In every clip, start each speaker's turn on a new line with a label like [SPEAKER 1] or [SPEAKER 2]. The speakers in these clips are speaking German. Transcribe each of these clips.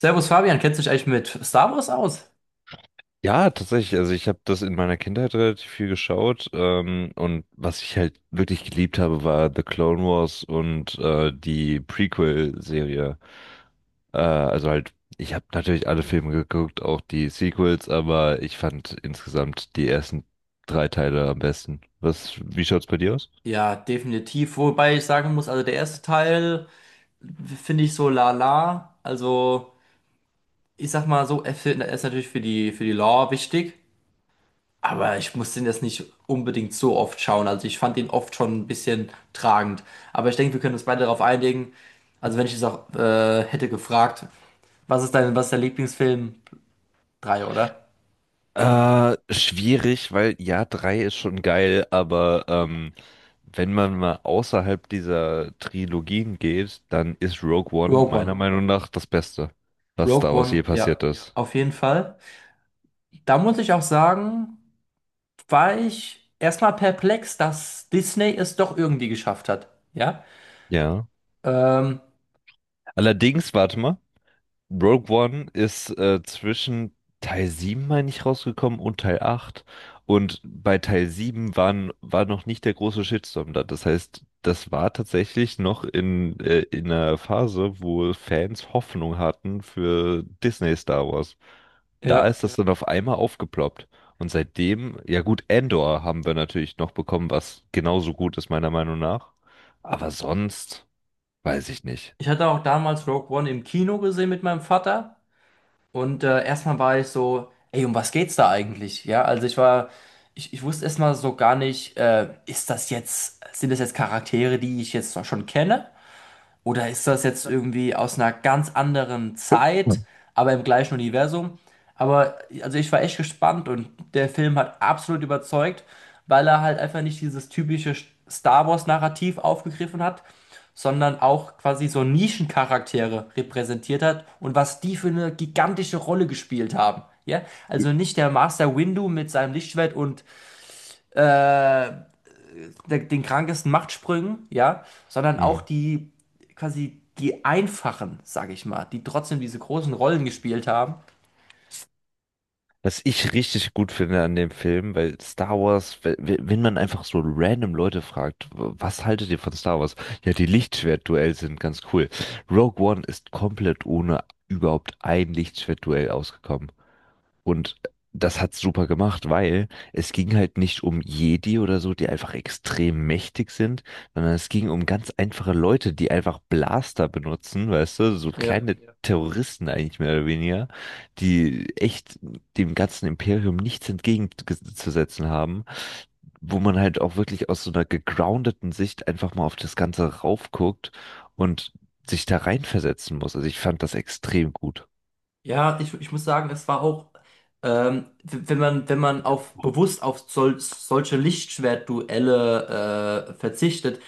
[SPEAKER 1] Servus Fabian, kennst du dich eigentlich mit Star Wars aus?
[SPEAKER 2] Ja, tatsächlich. Also ich habe das in meiner Kindheit relativ viel geschaut. Und was ich halt wirklich geliebt habe, war The Clone Wars und die Prequel-Serie. Also halt, ich habe natürlich alle Filme geguckt, auch die Sequels, aber ich fand insgesamt die ersten drei Teile am besten. Wie schaut's bei dir aus?
[SPEAKER 1] Ja, definitiv. Wobei ich sagen muss, also der erste Teil finde ich so lala. Also ich sag mal so, er ist natürlich für die Lore wichtig, aber ich muss den jetzt nicht unbedingt so oft schauen. Also ich fand ihn oft schon ein bisschen tragend. Aber ich denke, wir können uns beide darauf einigen. Also wenn ich es auch hätte gefragt, was ist der Lieblingsfilm? Drei, oder?
[SPEAKER 2] Schwierig, weil ja, drei ist schon geil, aber wenn man mal außerhalb dieser Trilogien geht, dann ist Rogue One
[SPEAKER 1] Rogue
[SPEAKER 2] meiner
[SPEAKER 1] One.
[SPEAKER 2] Meinung nach das Beste, was
[SPEAKER 1] Rogue
[SPEAKER 2] Star Wars
[SPEAKER 1] One,
[SPEAKER 2] je passiert
[SPEAKER 1] ja,
[SPEAKER 2] ist.
[SPEAKER 1] auf jeden Fall. Da muss ich auch sagen, war ich erstmal perplex, dass Disney es doch irgendwie geschafft hat. Ja,
[SPEAKER 2] Ja.
[SPEAKER 1] ähm,
[SPEAKER 2] Allerdings, warte mal. Rogue One ist zwischen Teil 7, meine ich, rausgekommen und Teil 8. Und bei Teil 7 war noch nicht der große Shitstorm da. Das heißt, das war tatsächlich noch in einer Phase, wo Fans Hoffnung hatten für Disney Star Wars. Da ist
[SPEAKER 1] ja.
[SPEAKER 2] das , ja, dann auf einmal aufgeploppt. Und seitdem, ja gut, Andor haben wir natürlich noch bekommen, was genauso gut ist, meiner Meinung nach. Aber sonst weiß ich nicht.
[SPEAKER 1] Ich hatte auch damals Rogue One im Kino gesehen mit meinem Vater und erstmal war ich so, ey, um was geht's da eigentlich? Ja, also ich wusste erstmal so gar nicht, ist das jetzt, sind das jetzt Charaktere, die ich jetzt schon kenne? Oder ist das jetzt irgendwie aus einer ganz anderen Zeit, aber im gleichen Universum? Aber also ich war echt gespannt und der Film hat absolut überzeugt, weil er halt einfach nicht dieses typische Star Wars-Narrativ aufgegriffen hat, sondern auch quasi so Nischencharaktere repräsentiert hat und was die für eine gigantische Rolle gespielt haben. Ja? Also nicht der Master Windu mit seinem Lichtschwert und äh, der, den krankesten Machtsprüngen, ja, sondern
[SPEAKER 2] Hm.
[SPEAKER 1] auch die die einfachen, sage ich mal, die trotzdem diese großen Rollen gespielt haben.
[SPEAKER 2] Was ich richtig gut finde an dem Film, weil Star Wars, wenn man einfach so random Leute fragt, was haltet ihr von Star Wars? Ja, die Lichtschwertduell sind ganz cool. Rogue One ist komplett ohne überhaupt ein Lichtschwertduell ausgekommen. Und das hat's super gemacht, weil es ging halt nicht um Jedi oder so, die einfach extrem mächtig sind, sondern es ging um ganz einfache Leute, die einfach Blaster benutzen, weißt du, so
[SPEAKER 1] Ja,
[SPEAKER 2] kleine , ja, Terroristen eigentlich mehr oder weniger, die echt dem ganzen Imperium nichts entgegenzusetzen haben, wo man halt auch wirklich aus so einer gegroundeten Sicht einfach mal auf das Ganze raufguckt und sich da reinversetzen muss. Also ich fand das extrem gut.
[SPEAKER 1] ja, ich muss sagen, es war auch, wenn man auf bewusst auf solche Lichtschwertduelle verzichtet,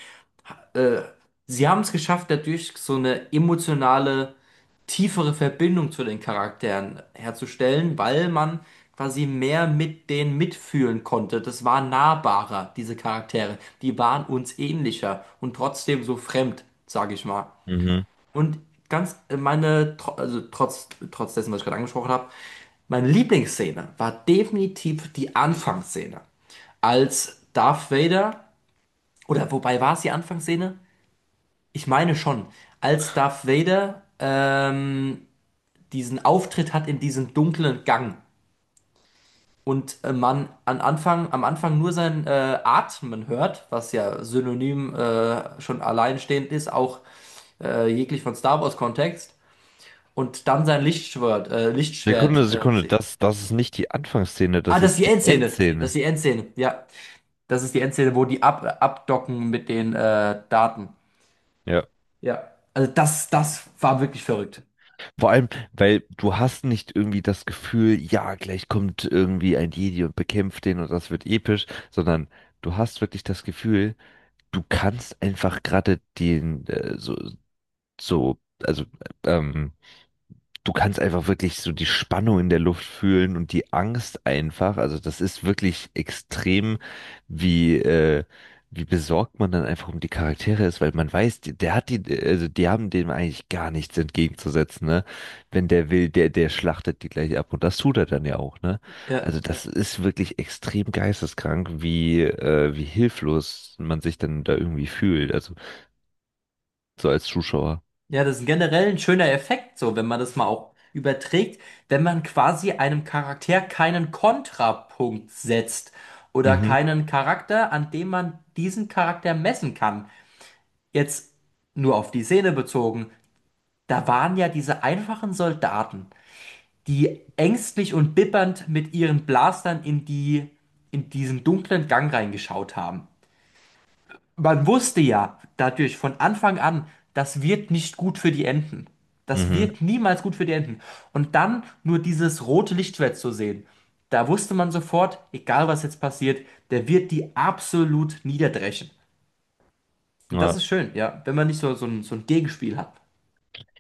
[SPEAKER 1] äh, sie haben es geschafft, dadurch so eine emotionale, tiefere Verbindung zu den Charakteren herzustellen, weil man quasi mehr mit denen mitfühlen konnte. Das war nahbarer, diese Charaktere. Die waren uns ähnlicher und trotzdem so fremd, sage ich mal.
[SPEAKER 2] Mhm.
[SPEAKER 1] Und ganz meine, tro- also trotz, trotz dessen, was ich gerade angesprochen habe, meine Lieblingsszene war definitiv die Anfangsszene als Darth Vader, oder wobei war es die Anfangsszene? Ich meine schon, als Darth Vader diesen Auftritt hat in diesem dunklen Gang und am Anfang nur sein Atmen hört, was ja synonym schon alleinstehend ist, auch jeglich von Star Wars Kontext, und dann sein Lichtschwert,
[SPEAKER 2] Sekunde, Sekunde, das ist nicht die Anfangsszene,
[SPEAKER 1] Ah,
[SPEAKER 2] das
[SPEAKER 1] das ist
[SPEAKER 2] ist
[SPEAKER 1] die
[SPEAKER 2] die
[SPEAKER 1] Endszene. Das ist
[SPEAKER 2] Endszene.
[SPEAKER 1] die Endszene, ja. Das ist die Endszene, wo die abdocken mit den Daten.
[SPEAKER 2] Ja.
[SPEAKER 1] Ja. Also das war wirklich verrückt.
[SPEAKER 2] Vor allem, weil du hast nicht irgendwie das Gefühl, ja, gleich kommt irgendwie ein Jedi und bekämpft den und das wird episch, sondern du hast wirklich das Gefühl, du kannst einfach gerade den, so, so, also, ähm, du kannst einfach wirklich so die Spannung in der Luft fühlen und die Angst einfach. Also das ist wirklich extrem, wie, wie besorgt man dann einfach um die Charaktere ist, weil man weiß, der hat die, also die haben dem eigentlich gar nichts entgegenzusetzen, ne? Wenn der will, der schlachtet die gleich ab und das tut er dann ja auch, ne?
[SPEAKER 1] Ja.
[SPEAKER 2] Also das ist wirklich extrem geisteskrank, wie, wie hilflos man sich dann da irgendwie fühlt, also so als Zuschauer.
[SPEAKER 1] Ja, das ist generell ein schöner Effekt, so, wenn man das mal auch überträgt, wenn man quasi einem Charakter keinen Kontrapunkt setzt oder
[SPEAKER 2] Mhm,
[SPEAKER 1] keinen Charakter, an dem man diesen Charakter messen kann. Jetzt nur auf die Szene bezogen, da waren ja diese einfachen Soldaten, die ängstlich und bibbernd mit ihren Blastern in diesen dunklen Gang reingeschaut haben. Man wusste ja dadurch von Anfang an, das wird nicht gut für die Enten. Das
[SPEAKER 2] mhm,
[SPEAKER 1] wird niemals gut für die Enten. Und dann nur dieses rote Lichtschwert zu sehen, da wusste man sofort, egal was jetzt passiert, der wird die absolut niederdreschen. Und das
[SPEAKER 2] ja.
[SPEAKER 1] ist schön, ja, wenn man nicht so ein Gegenspiel hat.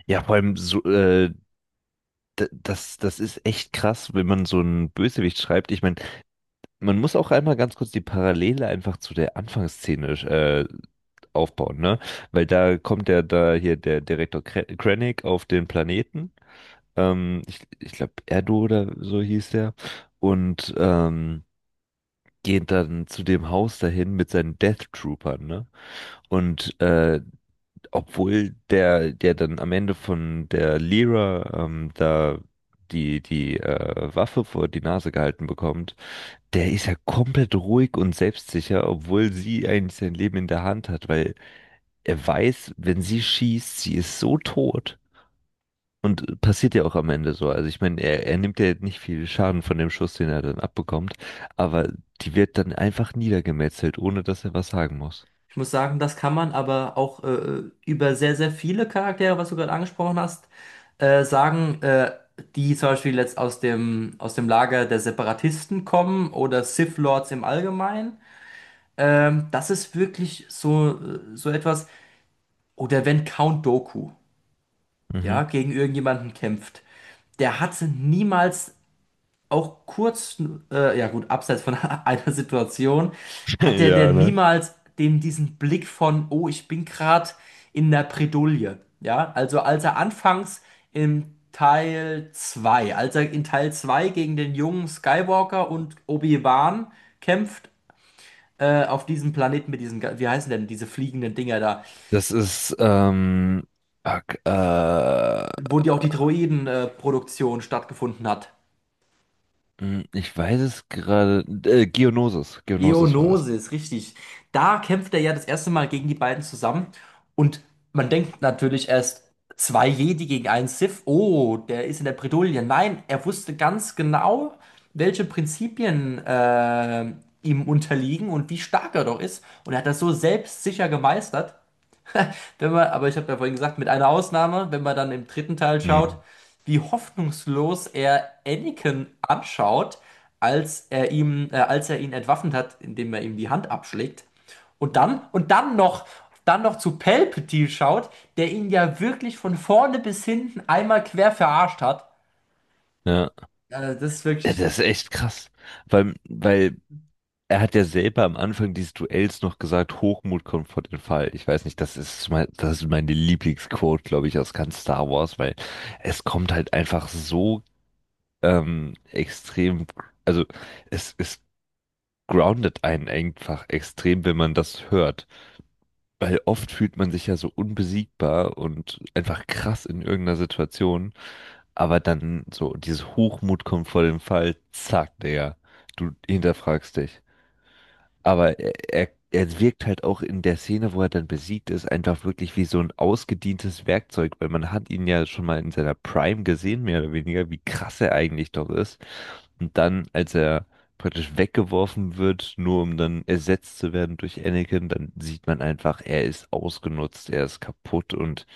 [SPEAKER 2] Ja, vor allem so, Das ist echt krass, wenn man so einen Bösewicht schreibt. Ich meine, man muss auch einmal ganz kurz die Parallele einfach zu der Anfangsszene aufbauen, ne? Weil da kommt ja da hier der Direktor Krennic auf den Planeten. Ich glaube, Erdo oder so hieß der. Und geht dann zu dem Haus dahin mit seinen Death Troopern, ne? Und obwohl der dann am Ende von der Lyra da die Waffe vor die Nase gehalten bekommt, der ist ja komplett ruhig und selbstsicher, obwohl sie eigentlich sein Leben in der Hand hat, weil er weiß, wenn sie schießt, sie ist so tot. Und passiert ja auch am Ende so. Also ich meine, er nimmt ja nicht viel Schaden von dem Schuss, den er dann abbekommt, aber die wird dann einfach niedergemetzelt, ohne dass er was sagen muss.
[SPEAKER 1] Ich muss sagen, das kann man aber auch über sehr, sehr viele Charaktere, was du gerade angesprochen hast, sagen, die zum Beispiel jetzt aus dem Lager der Separatisten kommen oder Sith Lords im Allgemeinen. Das ist wirklich so, so etwas. Oder wenn Count Dooku,
[SPEAKER 2] Mhm.
[SPEAKER 1] ja, gegen irgendjemanden kämpft, der hatte niemals auch kurz, ja gut, abseits von einer Situation, hat der
[SPEAKER 2] Ja,
[SPEAKER 1] denn
[SPEAKER 2] ne?
[SPEAKER 1] niemals dem diesen Blick von, oh, ich bin gerade in der Bredouille. Ja, also als er in Teil 2 gegen den jungen Skywalker und Obi-Wan kämpft, auf diesem Planeten mit diesen, wie heißen denn diese fliegenden Dinger da,
[SPEAKER 2] Das ist, ak-
[SPEAKER 1] wo die auch die Droiden-Produktion stattgefunden hat.
[SPEAKER 2] hm, Ich weiß es gerade, Geonosis, Geonosis war das.
[SPEAKER 1] Geonosis, richtig. Da kämpft er ja das erste Mal gegen die beiden zusammen und man denkt natürlich erst, zwei Jedi gegen einen Sith, oh, der ist in der Bredouille. Nein, er wusste ganz genau, welche Prinzipien ihm unterliegen und wie stark er doch ist und er hat das so selbstsicher gemeistert. Wenn man, aber ich habe ja vorhin gesagt, mit einer Ausnahme, wenn man dann im dritten Teil schaut,
[SPEAKER 2] Hm.
[SPEAKER 1] wie hoffnungslos er Anakin anschaut, als er ihn entwaffnet hat, indem er ihm die Hand abschlägt. Und dann, und dann noch, dann noch zu Palpatine schaut, der ihn ja wirklich von vorne bis hinten einmal quer verarscht hat.
[SPEAKER 2] Ja,
[SPEAKER 1] Das ist
[SPEAKER 2] ja,
[SPEAKER 1] wirklich
[SPEAKER 2] das ist echt krass, weil er hat ja selber am Anfang dieses Duells noch gesagt, Hochmut kommt vor den Fall. Ich weiß nicht, das ist mein, das ist meine Lieblingsquote, glaube ich, aus ganz Star Wars, weil es kommt halt einfach so extrem, also es groundet einen einfach extrem, wenn man das hört. Weil oft fühlt man sich ja so unbesiegbar und einfach krass in irgendeiner Situation, aber dann so dieses Hochmut kommt vor dem Fall, zack, Digga, du hinterfragst dich. Aber er wirkt halt auch in der Szene, wo er dann besiegt ist, einfach wirklich wie so ein ausgedientes Werkzeug, weil man hat ihn ja schon mal in seiner Prime gesehen, mehr oder weniger, wie krass er eigentlich doch ist. Und dann, als er praktisch weggeworfen wird, nur um dann ersetzt zu werden durch Anakin, dann sieht man einfach, er ist ausgenutzt, er ist kaputt und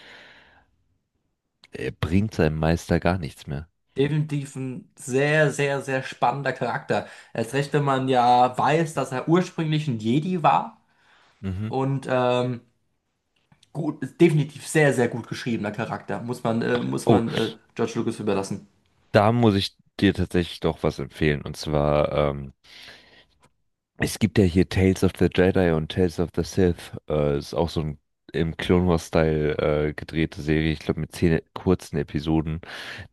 [SPEAKER 2] er bringt seinem Meister gar nichts mehr.
[SPEAKER 1] definitiv ein sehr, sehr, sehr spannender Charakter. Erst recht, wenn man ja weiß, dass er ursprünglich ein Jedi war
[SPEAKER 2] Mhm.
[SPEAKER 1] und gut, ist definitiv sehr, sehr gut geschriebener Charakter. Muss man,
[SPEAKER 2] Oh,
[SPEAKER 1] George Lucas überlassen.
[SPEAKER 2] da muss ich dir tatsächlich doch was empfehlen. Und zwar, es gibt ja hier Tales of the Jedi und Tales of the Sith. Ist auch so ein im Clone Wars-Style gedrehte Serie, ich glaube mit 10 kurzen Episoden.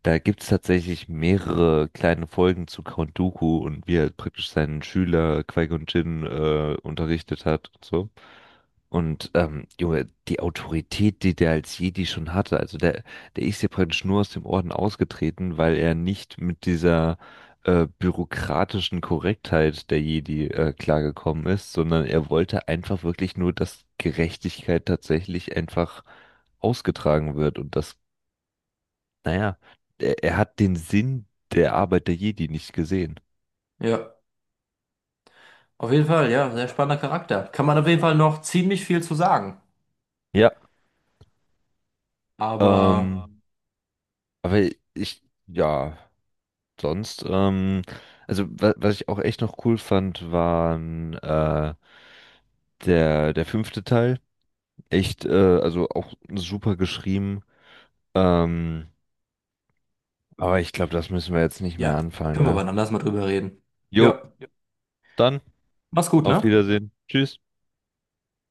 [SPEAKER 2] Da gibt's tatsächlich mehrere kleine Folgen zu Count Dooku und wie er praktisch seinen Schüler Qui-Gon Jinn unterrichtet hat und so. Und Junge, die Autorität, die der als Jedi schon hatte, also der ist ja praktisch nur aus dem Orden ausgetreten, weil er nicht mit dieser bürokratischen Korrektheit der Jedi klargekommen ist, sondern er wollte einfach wirklich nur, dass Gerechtigkeit tatsächlich einfach ausgetragen wird und dass naja, er hat den Sinn der Arbeit der Jedi nicht gesehen.
[SPEAKER 1] Ja, auf jeden Fall, ja, sehr spannender Charakter. Kann man auf jeden Fall noch ziemlich viel zu sagen.
[SPEAKER 2] Ja,
[SPEAKER 1] Aber
[SPEAKER 2] ähm, aber ich, ja, sonst, also wa was ich auch echt noch cool fand, waren der fünfte Teil. Echt, also auch super geschrieben. Ähm, aber ich glaube, das müssen wir jetzt nicht mehr
[SPEAKER 1] ja,
[SPEAKER 2] anfangen,
[SPEAKER 1] können wir
[SPEAKER 2] ne?
[SPEAKER 1] wann anders mal drüber reden.
[SPEAKER 2] Jo,
[SPEAKER 1] Ja,
[SPEAKER 2] dann
[SPEAKER 1] mach's gut,
[SPEAKER 2] auf
[SPEAKER 1] ne?
[SPEAKER 2] Wiedersehen. Tschüss.